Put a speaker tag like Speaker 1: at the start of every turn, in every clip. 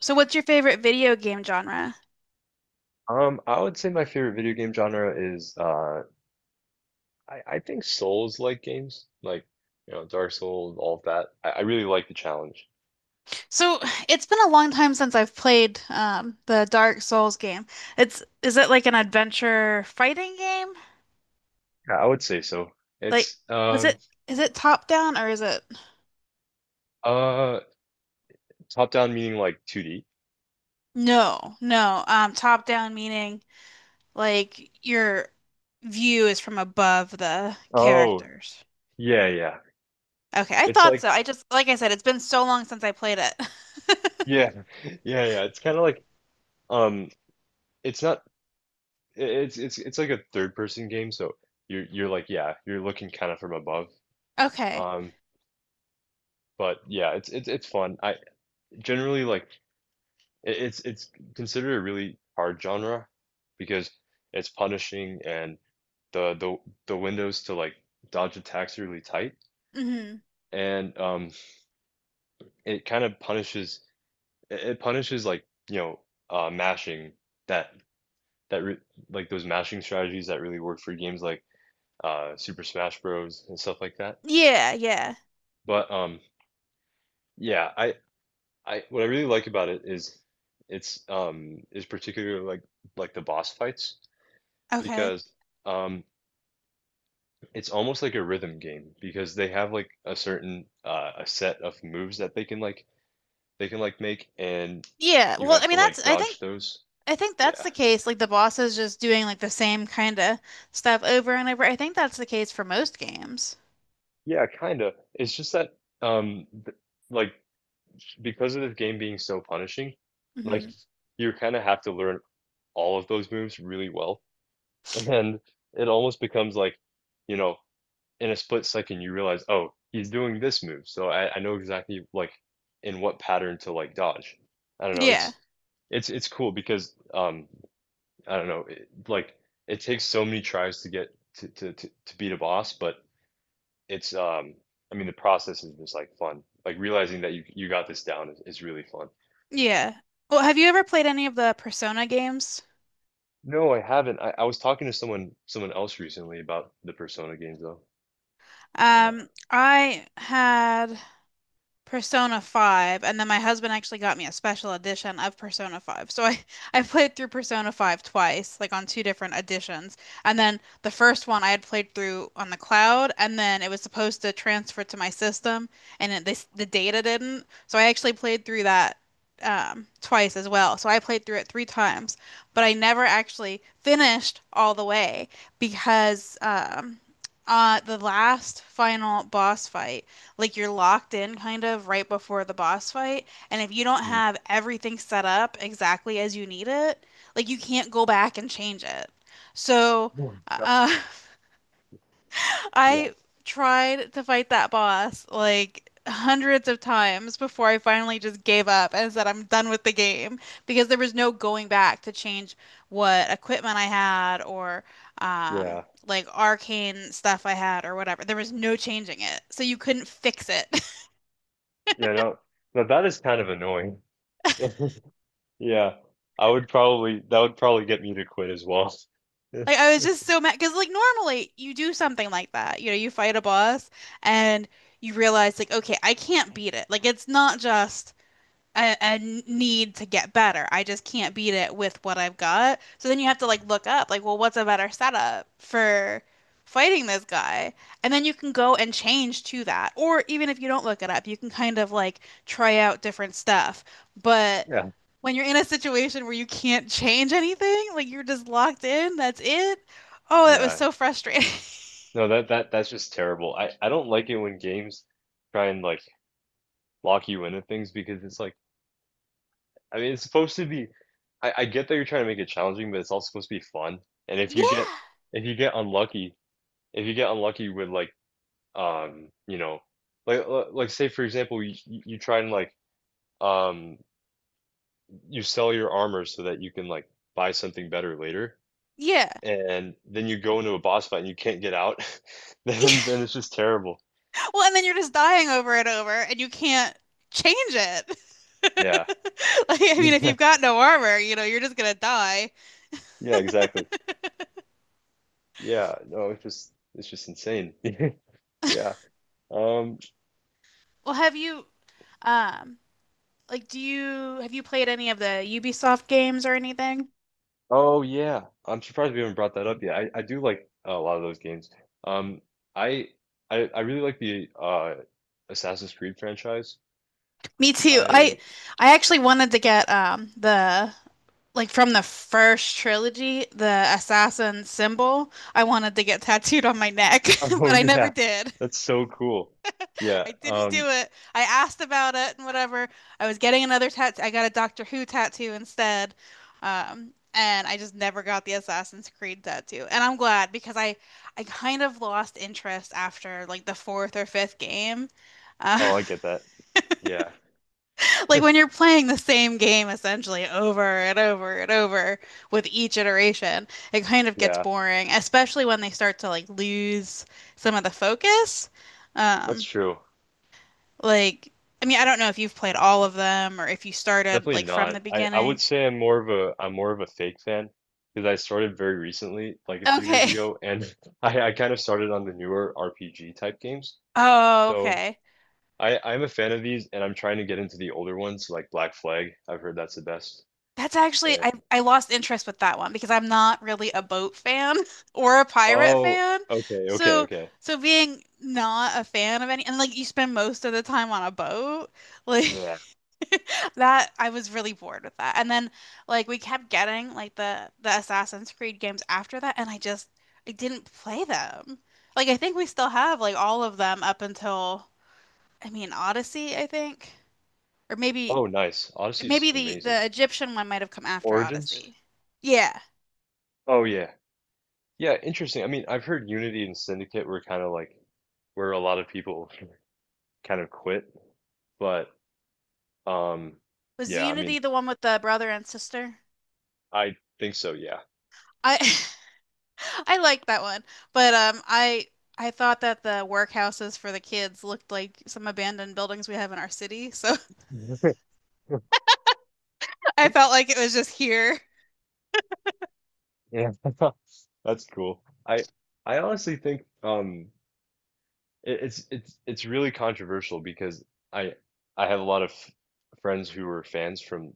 Speaker 1: So, what's your favorite video game genre?
Speaker 2: I would say my favorite video game genre is I think Souls-like games, like Dark Souls, all of that. I really like the challenge.
Speaker 1: So, it's been a long time since I've played the Dark Souls game. It's is it like an adventure fighting game?
Speaker 2: Yeah, I would say so.
Speaker 1: Like,
Speaker 2: It's
Speaker 1: was it is it top down or is it
Speaker 2: uh Top down meaning like 2D.
Speaker 1: no, no. Top down meaning like your view is from above the
Speaker 2: Oh,
Speaker 1: characters.
Speaker 2: yeah, yeah.
Speaker 1: Okay, I
Speaker 2: It's
Speaker 1: thought so.
Speaker 2: like
Speaker 1: I just like I said, it's been so long since I played it.
Speaker 2: Yeah, yeah, yeah. It's kind of like um it's not it's like a third person game, so you're like yeah, you're looking kind of from above.
Speaker 1: Okay.
Speaker 2: Um but yeah, it's fun. I generally like It's considered a really hard genre because it's punishing, and the the the windows to like dodge attacks are really tight.
Speaker 1: Hmm.
Speaker 2: And it kind of punishes it it punishes, like, you know mashing, that that re like those mashing strategies that really work for games like Super Smash Bros and stuff like that.
Speaker 1: Yeah, yeah.
Speaker 2: But yeah, I what I really like about it is it's, is particularly like the boss fights,
Speaker 1: Okay.
Speaker 2: because um it's almost like a rhythm game because they have like a certain a set of moves that they can like make, and
Speaker 1: Yeah.
Speaker 2: you
Speaker 1: Well,
Speaker 2: have
Speaker 1: I
Speaker 2: to
Speaker 1: mean that's
Speaker 2: like
Speaker 1: I think.
Speaker 2: dodge those.
Speaker 1: I think that's
Speaker 2: Yeah.
Speaker 1: the case. Like the boss is just doing like the same kind of stuff over and over. I think that's the case for most games.
Speaker 2: Yeah, kind of. It's just that, um th- like, because of the game being so punishing, like,
Speaker 1: Hmm.
Speaker 2: you kind of have to learn all of those moves really well. And then it almost becomes like, you know, in a split second you realize, oh, he's doing this move, so I know exactly like in what pattern to like dodge. I don't know.
Speaker 1: Yeah.
Speaker 2: It's cool, because I don't know it, like it takes so many tries to get to beat a boss, but it's I mean the process is just like fun. Like realizing that you got this down is really fun.
Speaker 1: Yeah. Well, have you ever played any of the Persona games?
Speaker 2: No, I haven't. I was talking to someone else recently about the Persona games though. Yeah.
Speaker 1: I had Persona 5, and then my husband actually got me a special edition of Persona 5. So I I played through Persona 5 twice, like on two different editions. And then the first one I had played through on the cloud, and then it was supposed to transfer to my system, and it, this the data didn't. So I actually played through that twice as well. So I played through it three times, but I never actually finished all the way because the last final boss fight like you're locked in kind of right before the boss fight. And if you don't
Speaker 2: Mm.
Speaker 1: have everything set up exactly as you need it, like you can't go back and change it. So,
Speaker 2: Oh my God.
Speaker 1: uh,
Speaker 2: Yeah.
Speaker 1: I tried to fight that boss like hundreds of times before I finally just gave up and said, I'm done with the game because there was no going back to change what equipment I had, or, um,
Speaker 2: Yeah.
Speaker 1: like arcane stuff I had or whatever. There was no changing it. So you couldn't fix it.
Speaker 2: Yeah. No. Now that is kind of annoying. Yeah, I would probably that would probably get me to quit as well.
Speaker 1: Like I was just so mad because like normally you do something like that. You know, you fight a boss and you realize like, okay, I can't beat it. Like it's not just a need to get better. I just can't beat it with what I've got. So then you have to like look up like, well, what's a better setup for fighting this guy? And then you can go and change to that. Or even if you don't look it up, you can kind of like try out different stuff. But
Speaker 2: Yeah,
Speaker 1: when you're in a situation where you can't change anything, like you're just locked in, that's it. Oh, that was
Speaker 2: yeah.
Speaker 1: so frustrating.
Speaker 2: No, that's just terrible. I don't like it when games try and like lock you into things, because it's like, I mean, it's supposed to be, I get that you're trying to make it challenging, but it's also supposed to be fun. And if
Speaker 1: Yeah.
Speaker 2: you get, if you get unlucky, if you get unlucky with like, you know, like li- like, say for example, you try and like um you sell your armor so that you can like buy something better later,
Speaker 1: Yeah.
Speaker 2: and then you go into a boss fight and you can't get out,
Speaker 1: Yeah.
Speaker 2: then it's just terrible.
Speaker 1: Well, and then you're just dying over and over and you can't change it.
Speaker 2: Yeah.
Speaker 1: Like, I mean, if
Speaker 2: Yeah.
Speaker 1: you've got no armor, you know, you're just gonna die.
Speaker 2: Yeah, exactly. Yeah. No, it's just, it's just insane. Yeah. Um,
Speaker 1: Well, have you, um, like, do you have you played any of the Ubisoft games or anything?
Speaker 2: oh yeah. I'm surprised we haven't brought that up yet. I do like, oh, a lot of those games. Um, I I really like the Assassin's Creed franchise.
Speaker 1: Me too.
Speaker 2: I
Speaker 1: I actually wanted to get the like from the first trilogy, the assassin symbol, I wanted to get tattooed on my neck,
Speaker 2: Oh
Speaker 1: but I never
Speaker 2: yeah.
Speaker 1: did.
Speaker 2: That's so cool. Yeah.
Speaker 1: I didn't do it. I asked about it and whatever. I was getting another tattoo. I got a Doctor Who tattoo instead. And I just never got the Assassin's Creed tattoo. And I'm glad because I kind of lost interest after like the fourth or fifth game. Uh,
Speaker 2: Oh, I get that. Yeah.
Speaker 1: like when you're playing the same game essentially over and over and over with each iteration, it kind of gets
Speaker 2: Yeah,
Speaker 1: boring, especially when they start to like lose some of the focus.
Speaker 2: that's
Speaker 1: Um,
Speaker 2: true.
Speaker 1: like, I mean, I don't know if you've played all of them or if you started
Speaker 2: Definitely
Speaker 1: like from
Speaker 2: not.
Speaker 1: the
Speaker 2: I
Speaker 1: beginning.
Speaker 2: would say I'm more of a, I'm more of a fake fan, because I started very recently, like a few years
Speaker 1: Okay.
Speaker 2: ago, and I kind of started on the newer RPG type games.
Speaker 1: Oh,
Speaker 2: So
Speaker 1: okay.
Speaker 2: I'm a fan of these, and I'm trying to get into the older ones like Black Flag. I've heard that's the best.
Speaker 1: That's actually
Speaker 2: And
Speaker 1: I lost interest with that one because I'm not really a boat fan or a pirate
Speaker 2: oh,
Speaker 1: fan.
Speaker 2: okay, okay,
Speaker 1: So
Speaker 2: okay.
Speaker 1: so being not a fan of any and like you spend most of the time on a boat, like
Speaker 2: Yeah.
Speaker 1: that I was really bored with that. And then like we kept getting like the Assassin's Creed games after that and I didn't play them. Like I think we still have like all of them up until I mean Odyssey, I think. Or maybe
Speaker 2: Oh, nice. Odyssey's
Speaker 1: maybe the the
Speaker 2: amazing.
Speaker 1: Egyptian one might have come after
Speaker 2: Origins?
Speaker 1: Odyssey. Yeah.
Speaker 2: Oh yeah. Yeah, interesting. I mean, I've heard Unity and Syndicate were kind of like where a lot of people kind of quit. But um,
Speaker 1: Was
Speaker 2: yeah, I
Speaker 1: Unity
Speaker 2: mean,
Speaker 1: the one with the brother and sister?
Speaker 2: I think so, yeah.
Speaker 1: I I like that one, but I thought that the workhouses for the kids looked like some abandoned buildings we have in our city, so I felt like it was just here.
Speaker 2: Yeah. That's cool. I I honestly think it, it's really controversial because I I have a lot of friends who were fans from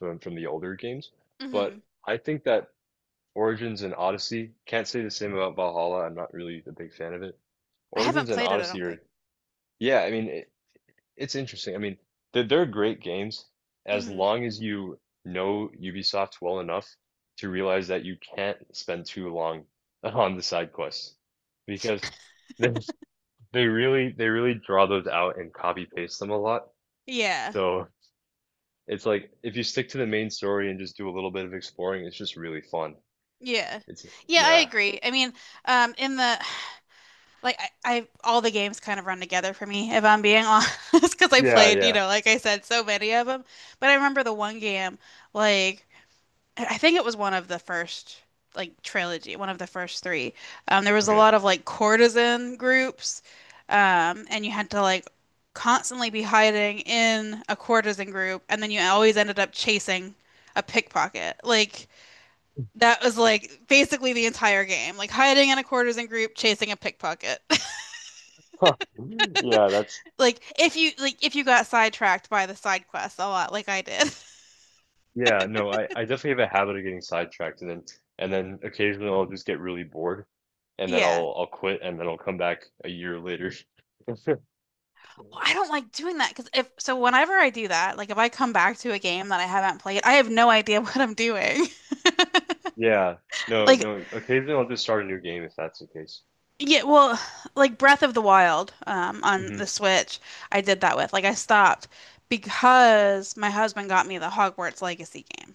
Speaker 2: the older games, but
Speaker 1: Hmm.
Speaker 2: I think that Origins and Odyssey, can't say the same about Valhalla. I'm not really a big fan of it.
Speaker 1: I haven't
Speaker 2: Origins and
Speaker 1: played it, I
Speaker 2: Odyssey
Speaker 1: don't think.
Speaker 2: are, yeah, I mean, it's interesting. I mean, they're great games as
Speaker 1: Hmm.
Speaker 2: long as you know Ubisoft well enough to realize that you can't spend too long on the side quests, because they they really draw those out and copy paste them a lot.
Speaker 1: Yeah.
Speaker 2: So it's like if you stick to the main story and just do a little bit of exploring, it's just really fun.
Speaker 1: Yeah.
Speaker 2: It's
Speaker 1: Yeah, I
Speaker 2: yeah.
Speaker 1: agree. I mean, in the like I all the games kind of run together for me if I'm being honest because I
Speaker 2: Yeah,
Speaker 1: played you
Speaker 2: yeah.
Speaker 1: know like I said so many of them but I remember the one game like I think it was one of the first like trilogy one of the first three there was a
Speaker 2: Okay.
Speaker 1: lot of like courtesan groups, and you had to like constantly be hiding in a courtesan group and then you always ended up chasing a pickpocket like that was like basically the entire game like hiding in a courtesan group chasing a pickpocket.
Speaker 2: Huh. Yeah, that's,
Speaker 1: Like if you got sidetracked by the side quests a lot, like I did.
Speaker 2: yeah, no, I definitely have a habit of getting sidetracked, and then occasionally I'll just get really bored, and then
Speaker 1: Yeah.
Speaker 2: I'll quit and then I'll come back a year later.
Speaker 1: I don't like doing that because if so, whenever I do that, like if I come back to a game that I haven't played, I have no idea what I'm doing.
Speaker 2: Yeah. No,
Speaker 1: Like,
Speaker 2: no. Occasionally I'll just start a new game if that's the case.
Speaker 1: yeah, well, like Breath of the Wild on the
Speaker 2: Hmm.
Speaker 1: Switch, I did that with. Like, I stopped because my husband got me the Hogwarts Legacy game.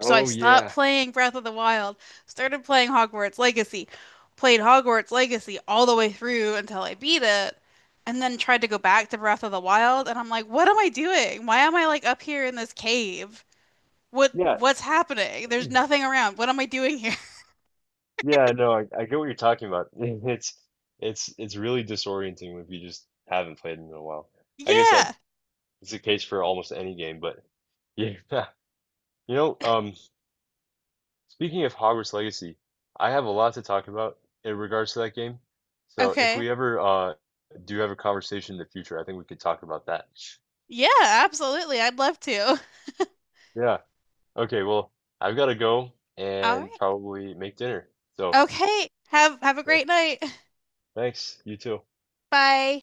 Speaker 1: So I stopped
Speaker 2: yeah.
Speaker 1: playing Breath of the Wild, started playing Hogwarts Legacy, played Hogwarts Legacy all the way through until I beat it, and then tried to go back to Breath of the Wild, and I'm like, what am I doing? Why am I like up here in this cave? What
Speaker 2: Yeah.
Speaker 1: what's happening? There's
Speaker 2: it's-
Speaker 1: nothing around. What am I doing here?
Speaker 2: Yeah, no, I get what you're talking about. It's really disorienting if you just haven't played in a while. I guess that
Speaker 1: Yeah.
Speaker 2: it's the case for almost any game, but yeah. You know, speaking of Hogwarts Legacy, I have a lot to talk about in regards to that game. So if
Speaker 1: Okay.
Speaker 2: we ever do have a conversation in the future, I think we could talk about that.
Speaker 1: Yeah, absolutely. I'd love to.
Speaker 2: Yeah. Okay, well, I've got to go
Speaker 1: All
Speaker 2: and
Speaker 1: right.
Speaker 2: probably make dinner. So,
Speaker 1: Okay. Have a
Speaker 2: well,
Speaker 1: great night.
Speaker 2: thanks. You too.
Speaker 1: Bye.